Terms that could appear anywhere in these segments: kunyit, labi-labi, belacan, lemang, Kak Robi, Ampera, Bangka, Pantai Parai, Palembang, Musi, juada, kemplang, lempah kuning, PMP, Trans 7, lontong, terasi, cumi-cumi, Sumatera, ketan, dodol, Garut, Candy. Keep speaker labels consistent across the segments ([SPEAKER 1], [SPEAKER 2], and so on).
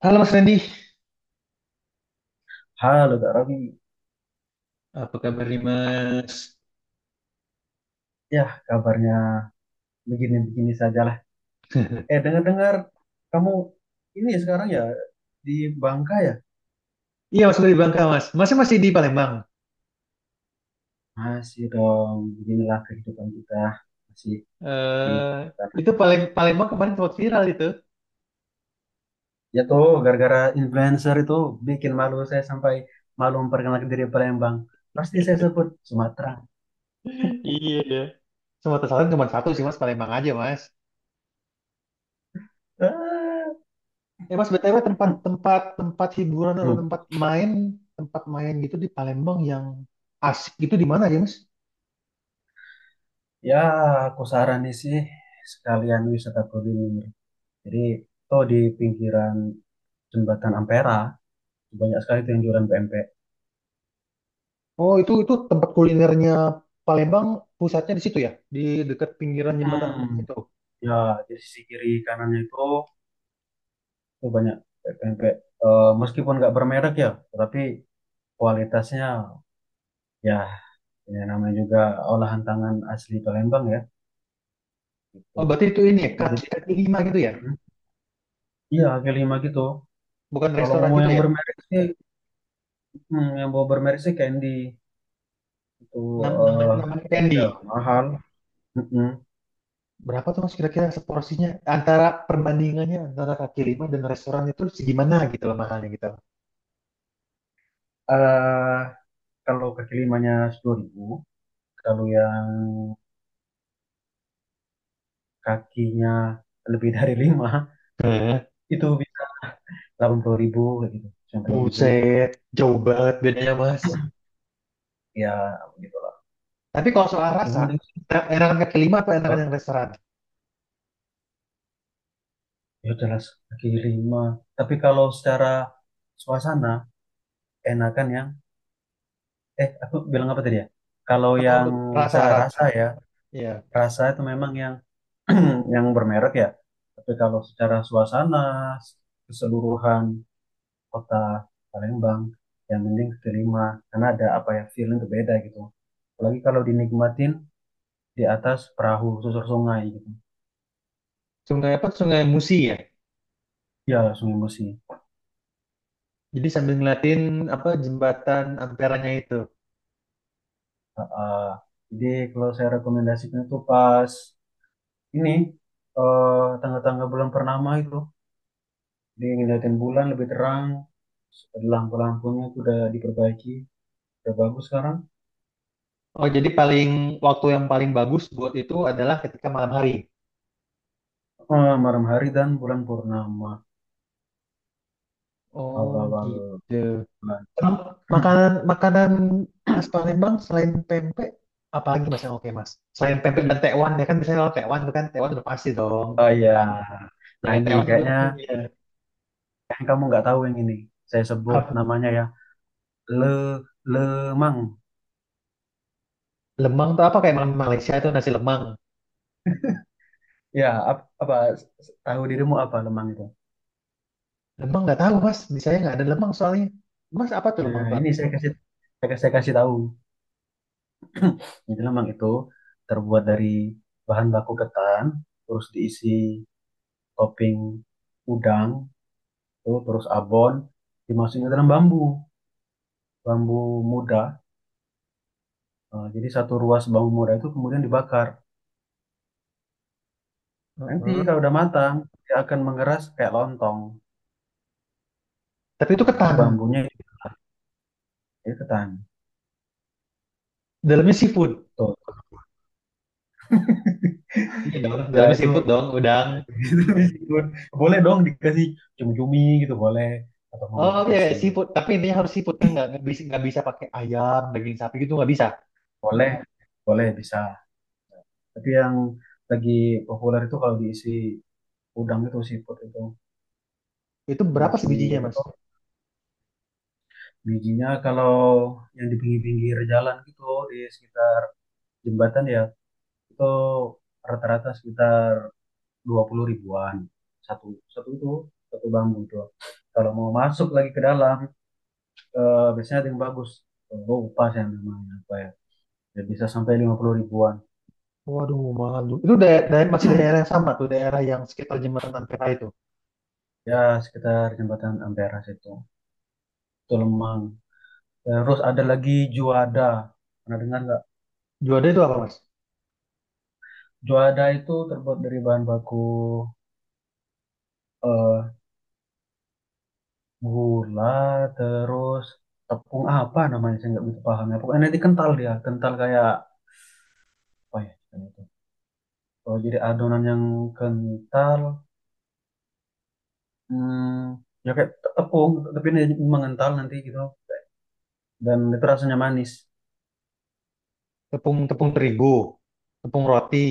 [SPEAKER 1] Halo Mas Randy,
[SPEAKER 2] Halo Kak Robi,
[SPEAKER 1] apa kabar nih Mas?
[SPEAKER 2] ya kabarnya begini-begini sajalah. Eh dengar-dengar kamu ini sekarang ya di Bangka ya?
[SPEAKER 1] Iya Mas, dari Bangka Mas, Masnya masih di Palembang.
[SPEAKER 2] Masih dong, beginilah kehidupan kita masih di
[SPEAKER 1] Eh,
[SPEAKER 2] sana.
[SPEAKER 1] itu Palembang kemarin sempat viral itu.
[SPEAKER 2] Ya tuh gara-gara influencer itu bikin malu saya sampai malu memperkenalkan diri Palembang. Pasti saya sebut Sumatera.
[SPEAKER 1] Iya ya. Semua kesalahan cuma satu sih Mas, Palembang aja Mas.
[SPEAKER 2] Ah.
[SPEAKER 1] Eh Mas, BTW tempat tempat tempat hiburan atau
[SPEAKER 2] Hmm.
[SPEAKER 1] tempat main gitu di Palembang yang asik itu di mana ya Mas?
[SPEAKER 2] Ya aku saranin sih sekalian wisata kuliner. Jadi tuh di pinggiran jembatan Ampera banyak sekali tuh yang jualan PMP.
[SPEAKER 1] Oh itu tempat kulinernya Palembang pusatnya di situ ya, di dekat pinggiran jembatan
[SPEAKER 2] Hmm,
[SPEAKER 1] Ampera itu.
[SPEAKER 2] ya, di sisi kiri kanannya itu tuh banyak pempek. Meskipun nggak bermerek ya, tapi kualitasnya ya, ya namanya juga olahan tangan asli Palembang ya, gitu.
[SPEAKER 1] Oh berarti itu ini ya, kaki,
[SPEAKER 2] Jadi,
[SPEAKER 1] kaki lima gitu ya,
[SPEAKER 2] mm, iya kaki lima gitu.
[SPEAKER 1] bukan
[SPEAKER 2] Kalau
[SPEAKER 1] restoran
[SPEAKER 2] mau
[SPEAKER 1] gitu
[SPEAKER 2] yang
[SPEAKER 1] ya?
[SPEAKER 2] bermerek sih, yang mau bermerek sih Candy itu,
[SPEAKER 1] Nam namanya
[SPEAKER 2] eh
[SPEAKER 1] namanya
[SPEAKER 2] tapi
[SPEAKER 1] Candy.
[SPEAKER 2] ya mahal. Mm-mm.
[SPEAKER 1] Berapa tuh Mas kira-kira seporsinya, antara perbandingannya antara kaki lima dan restoran itu segimana gitu loh, mahalnya gitu.
[SPEAKER 2] Eh, kalau kaki limanya 10.000, kalau yang kakinya lebih dari lima
[SPEAKER 1] Eh,
[SPEAKER 2] itu 80.000 kayak gitu, 90.000
[SPEAKER 1] buset, jauh banget bedanya Mas.
[SPEAKER 2] ya gitu.
[SPEAKER 1] Tapi kalau soal
[SPEAKER 2] Yang
[SPEAKER 1] rasa,
[SPEAKER 2] penting sih,
[SPEAKER 1] enakan kaki lima atau enakan
[SPEAKER 2] Pak,
[SPEAKER 1] yang restoran?
[SPEAKER 2] ya jelas kaki lima, tapi kalau secara suasana enakan yang, aku bilang apa tadi ya, kalau
[SPEAKER 1] Kalau
[SPEAKER 2] yang saya rasa
[SPEAKER 1] rasa-rasa,
[SPEAKER 2] ya,
[SPEAKER 1] ya.
[SPEAKER 2] rasa itu memang yang yang bermerek ya. Tapi kalau secara suasana keseluruhan kota Palembang, yang penting kaki lima, karena ada apa ya, feeling berbeda gitu. Apalagi kalau dinikmatin di atas perahu susur sungai gitu,
[SPEAKER 1] Sungai apa? Sungai Musi ya.
[SPEAKER 2] ya, sungai Musi.
[SPEAKER 1] Jadi sambil ngeliatin apa, jembatan Amperanya itu.
[SPEAKER 2] Heeh. Jadi kalau saya rekomendasikan itu pas ini eh, tanggal-tanggal bulan purnama itu, jadi ngeliatin bulan lebih terang, ada lampu-lampunya itu udah diperbaiki, udah bagus sekarang.
[SPEAKER 1] Oh, jadi paling waktu yang paling bagus buat itu adalah ketika malam hari.
[SPEAKER 2] Malam hari dan bulan purnama
[SPEAKER 1] Oh,
[SPEAKER 2] awal-awal
[SPEAKER 1] gitu.
[SPEAKER 2] bulan.
[SPEAKER 1] Emang makanan makanan khas Palembang selain pempek apalagi Mas yang oke Mas? Selain pempek dan tekwan ya kan, biasanya kalau tekwan tuh kan, tekwan udah pasti dong.
[SPEAKER 2] Oh ya,
[SPEAKER 1] Ya
[SPEAKER 2] nah
[SPEAKER 1] kan
[SPEAKER 2] ini
[SPEAKER 1] tekwan itu
[SPEAKER 2] kayaknya
[SPEAKER 1] iya.
[SPEAKER 2] kayaknya kamu nggak tahu yang ini. Saya sebut
[SPEAKER 1] Apa?
[SPEAKER 2] namanya ya le lemang.
[SPEAKER 1] Lemang tuh apa, kayak makanan Malaysia itu nasi lemang.
[SPEAKER 2] Ya apa tahu dirimu apa lemang itu?
[SPEAKER 1] Lemang nggak tahu Mas, di saya nggak ada lemang soalnya. Mas apa tuh lemang
[SPEAKER 2] Nah
[SPEAKER 1] tuh
[SPEAKER 2] ini
[SPEAKER 1] artinya?
[SPEAKER 2] saya kasih tahu. Jadi lemang itu terbuat dari bahan baku ketan, terus diisi topping udang, tuh, terus abon, dimasukin ke dalam bambu, bambu muda. Nah, jadi satu ruas bambu muda itu kemudian dibakar. Nanti
[SPEAKER 1] Heeh.
[SPEAKER 2] kalau udah matang, dia akan mengeras kayak lontong.
[SPEAKER 1] Tapi itu
[SPEAKER 2] Nah, itu
[SPEAKER 1] ketan,
[SPEAKER 2] bambunya itu ketan.
[SPEAKER 1] dalamnya seafood.
[SPEAKER 2] Betul.
[SPEAKER 1] Iya dong,
[SPEAKER 2] Ya
[SPEAKER 1] dalamnya
[SPEAKER 2] itu,
[SPEAKER 1] seafood dong, udang.
[SPEAKER 2] itu meskipun boleh dong dikasih cumi-cumi gitu, boleh, atau mau
[SPEAKER 1] Oh iya iya,
[SPEAKER 2] dikasih
[SPEAKER 1] seafood, tapi intinya harus seafood kan, nggak bisa pakai ayam, daging sapi gitu nggak bisa.
[SPEAKER 2] boleh, boleh bisa. Tapi yang lagi populer itu kalau diisi udang itu siput itu,
[SPEAKER 1] Itu berapa
[SPEAKER 2] diisi
[SPEAKER 1] sebijinya
[SPEAKER 2] apa
[SPEAKER 1] Mas?
[SPEAKER 2] tuh bijinya, kalau yang di pinggir-pinggir jalan gitu di sekitar jembatan ya, itu rata-rata sekitar 20.000-an satu, satu itu satu bambu itu. Kalau mau masuk lagi ke dalam, biasanya ada yang bagus. Oh, upas yang namanya apa ya? Ya, bisa sampai 50.000-an.
[SPEAKER 1] Waduh, malu. Itu masih daerah yang sama tuh, daerah yang sekitar jembatan Ampera itu.
[SPEAKER 2] Ya sekitar jembatan Ampera situ. Itu lemang. Terus ada lagi juada. Pernah dengar nggak?
[SPEAKER 1] Juanda itu apa, Mas?
[SPEAKER 2] Juada itu terbuat dari bahan baku eh, gula, terus tepung apa namanya saya nggak begitu paham ya. Pokoknya nanti kental dia, kental kayak apa ya? Istilahnya itu? Oh, jadi adonan yang kental, ya kayak tepung, tapi ini mengental nanti gitu. Dan itu rasanya manis.
[SPEAKER 1] Tepung tepung terigu, tepung roti.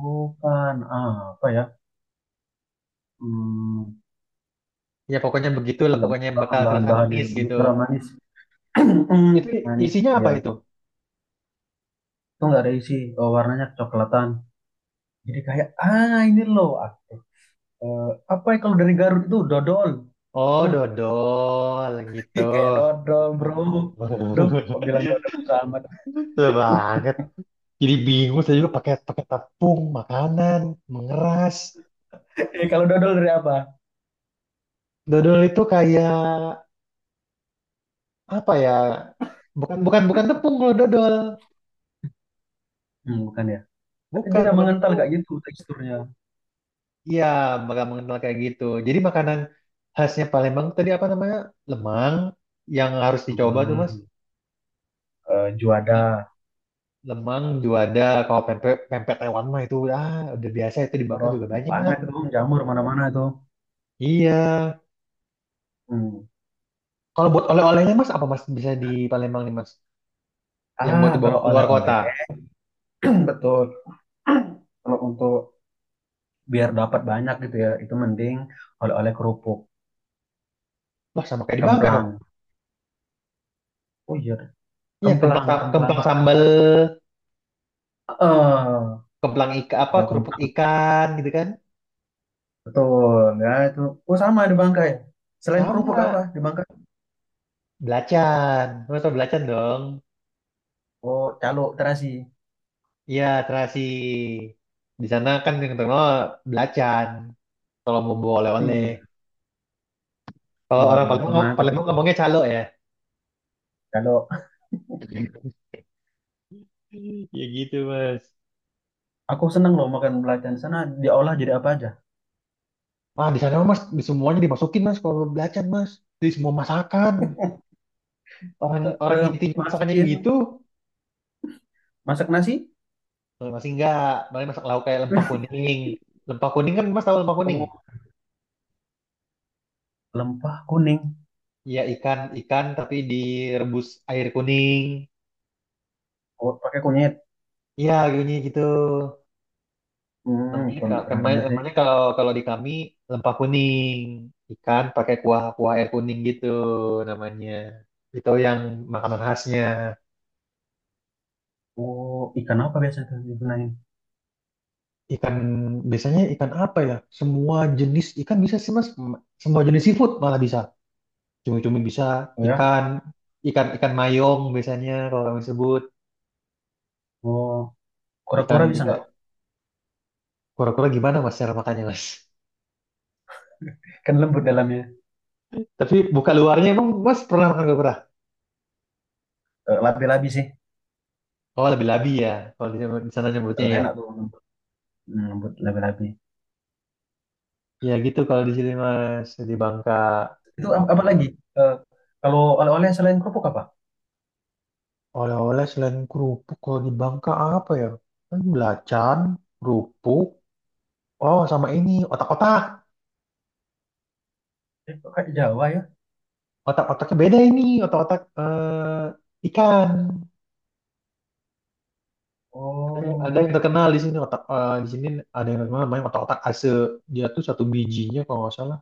[SPEAKER 2] Bukan apa ya? Hmm,
[SPEAKER 1] Ya pokoknya begitulah,
[SPEAKER 2] nggak
[SPEAKER 1] pokoknya yang
[SPEAKER 2] paham
[SPEAKER 1] bakal terasa
[SPEAKER 2] bahan-bahannya.
[SPEAKER 1] manis
[SPEAKER 2] Jadi
[SPEAKER 1] gitu.
[SPEAKER 2] manis,
[SPEAKER 1] Itu
[SPEAKER 2] manis,
[SPEAKER 1] isinya apa
[SPEAKER 2] ya.
[SPEAKER 1] itu?
[SPEAKER 2] Itu nggak ada isi. Oh, warnanya kecoklatan, jadi kayak, ah ini loh aku, eh, apa ya kalau dari Garut itu dodol.
[SPEAKER 1] Oh,
[SPEAKER 2] Wah,
[SPEAKER 1] dodol gitu.
[SPEAKER 2] kayak dodol bro. Duh, kok bilang dodol sama
[SPEAKER 1] Betul banget. Jadi bingung saya, juga pakai pakai tepung makanan mengeras.
[SPEAKER 2] kalau dodol dari apa.
[SPEAKER 1] Dodol itu kayak apa ya? Bukan bukan bukan tepung kalau dodol.
[SPEAKER 2] Bukan ya, tapi
[SPEAKER 1] Bukan,
[SPEAKER 2] dia
[SPEAKER 1] bukan
[SPEAKER 2] mengental
[SPEAKER 1] tepung.
[SPEAKER 2] kayak gitu teksturnya.
[SPEAKER 1] Iya, bakal mengenal kayak gitu. Jadi makanan khasnya Palembang tadi apa namanya? Lemang yang harus dicoba tuh, Mas.
[SPEAKER 2] Hmm. eh,
[SPEAKER 1] Sama
[SPEAKER 2] juada
[SPEAKER 1] Lemang, juada, kalau pempek pempek Taiwan mah itu udah biasa, itu dibakar
[SPEAKER 2] terus
[SPEAKER 1] juga banyak.
[SPEAKER 2] panas itu jamur mana-mana itu.
[SPEAKER 1] Iya.
[SPEAKER 2] Hmm.
[SPEAKER 1] Kalau buat oleh-olehnya Mas apa Mas bisa di Palembang nih, Mas? Yang
[SPEAKER 2] Ah
[SPEAKER 1] buat dibawa
[SPEAKER 2] kalau
[SPEAKER 1] keluar
[SPEAKER 2] oleh-oleh,
[SPEAKER 1] kota.
[SPEAKER 2] betul. Kalau untuk biar dapat banyak gitu ya, itu mending oleh-oleh kerupuk
[SPEAKER 1] Wah, sama kayak di Bangka dong.
[SPEAKER 2] kemplang. Oh iya.
[SPEAKER 1] Iya, kemplang,
[SPEAKER 2] Kemplang, kemplang.
[SPEAKER 1] kemplang sambal,
[SPEAKER 2] Eh,
[SPEAKER 1] kemplang ika apa
[SPEAKER 2] ada
[SPEAKER 1] kerupuk
[SPEAKER 2] kemplang.
[SPEAKER 1] ikan gitu kan.
[SPEAKER 2] Betul. Ya itu. Oh, sama di Bangkai. Selain kerupuk apa
[SPEAKER 1] Sama
[SPEAKER 2] di Bangkai?
[SPEAKER 1] belacan. Mas tau belacan dong.
[SPEAKER 2] Oh, calo terasi.
[SPEAKER 1] Iya, terasi. Di sana kan yang terkenal belacan. Kalau mau bawa oleh-oleh.
[SPEAKER 2] Iya.
[SPEAKER 1] Kalau orang
[SPEAKER 2] Waduh, itu
[SPEAKER 1] Palembang,
[SPEAKER 2] mantap
[SPEAKER 1] Palembang
[SPEAKER 2] itu.
[SPEAKER 1] ngomongnya calo ya.
[SPEAKER 2] Calo.
[SPEAKER 1] Ya gitu, Mas.
[SPEAKER 2] Aku seneng loh makan belacan di sana, diolah jadi apa aja.
[SPEAKER 1] Wah, di sana Mas, di semuanya dimasukin, Mas, kalau belacan, Mas. Di semua masakan. Orang
[SPEAKER 2] Eh,
[SPEAKER 1] orang
[SPEAKER 2] eh,
[SPEAKER 1] intinya masakannya
[SPEAKER 2] masukin
[SPEAKER 1] gitu.
[SPEAKER 2] masak nasi.
[SPEAKER 1] Kalau masih enggak, paling masak lauk kayak lempah kuning. Lempah kuning, kan Mas tahu lempah kuning?
[SPEAKER 2] Oh, lempah kuning.
[SPEAKER 1] Ya ikan ikan tapi direbus air kuning.
[SPEAKER 2] Oh, pakai kunyit.
[SPEAKER 1] Iya, gini gitu.
[SPEAKER 2] Hmm,
[SPEAKER 1] Namanya,
[SPEAKER 2] pern- pernah dengar sih.
[SPEAKER 1] namanya kalau kalau di kami lempah kuning, ikan pakai kuah kuah air kuning gitu namanya, itu yang makanan khasnya.
[SPEAKER 2] Oh, ikan apa biasa itu digunain?
[SPEAKER 1] Ikan biasanya, ikan apa ya, semua jenis ikan bisa sih Mas, semua jenis seafood malah bisa, cumi-cumi bisa,
[SPEAKER 2] Oh ya.
[SPEAKER 1] ikan ikan ikan mayong biasanya kalau kami sebut.
[SPEAKER 2] Oh,
[SPEAKER 1] Ikan
[SPEAKER 2] kura-kura bisa
[SPEAKER 1] ikan
[SPEAKER 2] nggak?
[SPEAKER 1] kura-kura gimana Mas cara makannya Mas,
[SPEAKER 2] Kan lembut dalamnya.
[SPEAKER 1] tapi buka luarnya, emang Mas pernah makan kura-kura?
[SPEAKER 2] Labi-labi sih.
[SPEAKER 1] Oh lebih labi ya kalau di sana nyebutnya
[SPEAKER 2] Eh,
[SPEAKER 1] ya.
[SPEAKER 2] enak tuh lembut. Lembut labi-labi.
[SPEAKER 1] Ya gitu kalau di sini Mas di Bangka.
[SPEAKER 2] Itu apa lagi? Eh, kalau oleh-oleh selain kerupuk apa?
[SPEAKER 1] Oleh-oleh selain kerupuk kalau di Bangka apa ya? Kan belacan, kerupuk. Oh sama ini otak-otak.
[SPEAKER 2] Kok kayak Jawa ya?
[SPEAKER 1] Otak-otaknya beda, ini otak-otak, eh, ikan. Ada yang ada
[SPEAKER 2] Oh,
[SPEAKER 1] yang terkenal di sini, otak, eh, di sini ada yang terkenal namanya otak-otak Ase. Dia tuh satu bijinya kalau nggak salah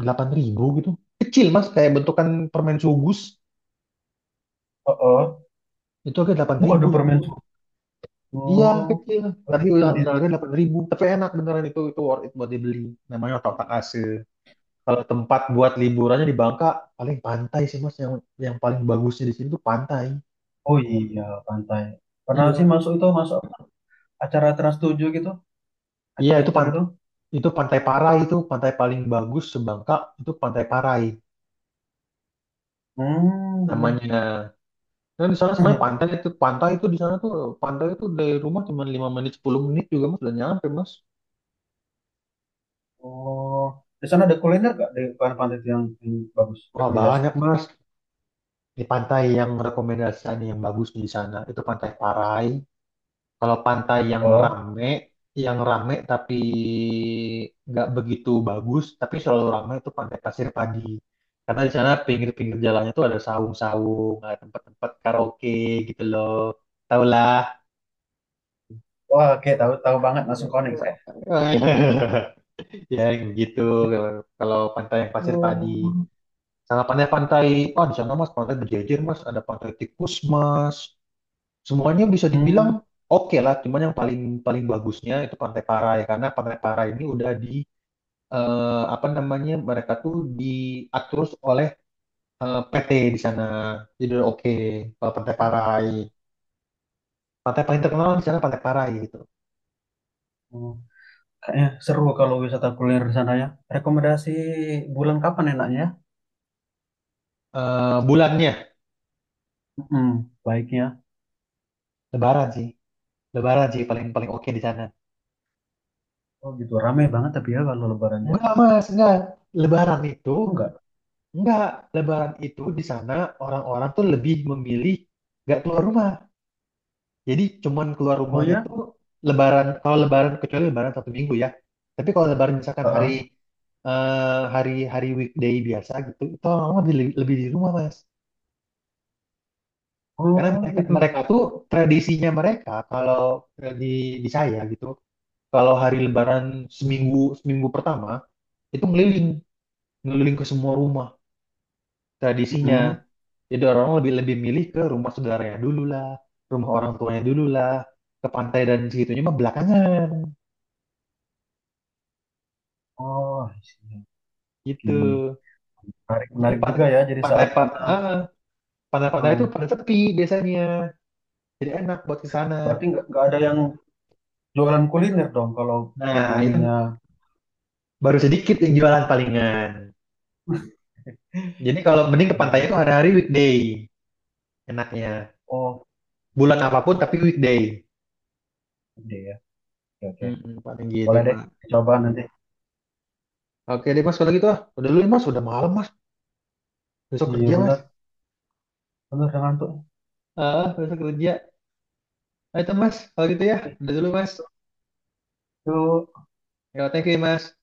[SPEAKER 1] 8.000 gitu. Kecil Mas kayak bentukan permen sugus,
[SPEAKER 2] oh, oh.
[SPEAKER 1] itu harga delapan
[SPEAKER 2] Oh,
[SPEAKER 1] ribu.
[SPEAKER 2] ada permen susu.
[SPEAKER 1] Iya
[SPEAKER 2] Oh,
[SPEAKER 1] kecil, tapi udah
[SPEAKER 2] ribet ya.
[SPEAKER 1] harganya 8.000. Tapi enak beneran, itu worth it buat dibeli. Namanya otak otak Ase. Kalau tempat buat liburannya di Bangka paling pantai sih Mas yang paling bagusnya di sini tuh pantai.
[SPEAKER 2] Oh iya, pantai. Pernah sih
[SPEAKER 1] Iya,
[SPEAKER 2] masuk apa? Acara Trans 7 gitu,
[SPEAKER 1] iya,
[SPEAKER 2] adventure itu.
[SPEAKER 1] itu Pantai Parai, itu pantai paling bagus sebangka, itu Pantai Parai
[SPEAKER 2] Hmm.
[SPEAKER 1] namanya. Nah, di sana sebenarnya pantai itu pantai itu di sana tuh, pantai itu dari rumah cuma 5 menit 10 menit juga Mas udah nyampe Mas.
[SPEAKER 2] Oh, di sana ada kuliner gak di pantai itu, yang bagus,
[SPEAKER 1] Wah
[SPEAKER 2] rekomendasi?
[SPEAKER 1] banyak Mas, di pantai yang rekomendasi yang bagus di sana itu Pantai Parai. Kalau pantai
[SPEAKER 2] Oh,
[SPEAKER 1] yang rame tapi nggak begitu bagus, tapi selalu ramai, itu pantai Pasir Padi. Karena di sana pinggir-pinggir jalannya tuh ada saung-saung, ada tempat-tempat karaoke gitu loh. Tau lah.
[SPEAKER 2] wah, oke, tahu tahu banget langsung connect saya.
[SPEAKER 1] Ya gitu kalau pantai yang Pasir Padi.
[SPEAKER 2] Oh.
[SPEAKER 1] Sama pantai-pantai, oh di sana Mas pantai berjejer Mas, ada pantai tikus Mas, semuanya bisa dibilang
[SPEAKER 2] Hmm.
[SPEAKER 1] oke lah, cuman yang paling paling bagusnya itu Pantai Parai, karena Pantai Parai ini udah apa namanya, mereka tuh diatur oleh PT di sana, jadi udah oke kalau Pantai Parai, pantai paling terkenal di sana Pantai Parai gitu.
[SPEAKER 2] Hmm. Kayaknya seru kalau wisata kuliner di sana ya. Rekomendasi bulan kapan enaknya?
[SPEAKER 1] Bulannya
[SPEAKER 2] Hmm, baiknya.
[SPEAKER 1] Lebaran sih Lebaran sih paling paling oke di sana.
[SPEAKER 2] Oh gitu, rame banget tapi ya kalau lebarannya.
[SPEAKER 1] Enggak Mas enggak, Lebaran itu,
[SPEAKER 2] Oh, enggak.
[SPEAKER 1] enggak, Lebaran itu di sana orang-orang tuh lebih memilih nggak keluar rumah. Jadi cuman keluar
[SPEAKER 2] Oh
[SPEAKER 1] rumahnya
[SPEAKER 2] ya?
[SPEAKER 1] tuh lebaran, kalau lebaran kecuali lebaran 1 minggu ya. Tapi kalau lebaran misalkan
[SPEAKER 2] Heeh.
[SPEAKER 1] hari hari weekday biasa gitu, itu orang lebih lebih di rumah Mas. Karena
[SPEAKER 2] Oh
[SPEAKER 1] mereka
[SPEAKER 2] gitu.
[SPEAKER 1] mereka tuh tradisinya mereka kalau di saya gitu, kalau hari lebaran seminggu seminggu pertama itu ngeliling ngeliling ke semua rumah tradisinya.
[SPEAKER 2] Mm-mm.
[SPEAKER 1] Jadi orang lebih lebih milih ke rumah saudaranya dulu lah, rumah orang tuanya dulu lah, ke pantai dan segitunya mah belakangan
[SPEAKER 2] Oh, I see.
[SPEAKER 1] gitu.
[SPEAKER 2] Oke. Menarik,
[SPEAKER 1] Jadi
[SPEAKER 2] menarik
[SPEAKER 1] pantai
[SPEAKER 2] juga ya jadi
[SPEAKER 1] pantai
[SPEAKER 2] saat
[SPEAKER 1] pa-
[SPEAKER 2] sana.
[SPEAKER 1] ah, pantai-pantai itu
[SPEAKER 2] Oh,
[SPEAKER 1] pada sepi biasanya. Jadi enak buat ke sana.
[SPEAKER 2] berarti nggak ada yang jualan kuliner dong kalau
[SPEAKER 1] Nah, itu
[SPEAKER 2] pribuminya.
[SPEAKER 1] baru sedikit yang jualan palingan. Jadi kalau mending ke pantai
[SPEAKER 2] Iya.
[SPEAKER 1] itu hari-hari weekday enaknya.
[SPEAKER 2] Oh,
[SPEAKER 1] Bulan apapun tapi weekday.
[SPEAKER 2] ide ya. Oke, oke.
[SPEAKER 1] Mm-mm, paling gitu,
[SPEAKER 2] Boleh deh,
[SPEAKER 1] Mbak.
[SPEAKER 2] coba nanti.
[SPEAKER 1] Oke deh, Mas. Kalau gitu, udah dulu, ya, Mas. Udah malam, Mas. Besok kerja,
[SPEAKER 2] Iya
[SPEAKER 1] Mas.
[SPEAKER 2] benar, benar ngantuk.
[SPEAKER 1] Ah, besok kerja. Nah, itu, Mas. Kalau gitu ya. Udah dulu, Mas.
[SPEAKER 2] Yuk.
[SPEAKER 1] Ya, thank you, Mas.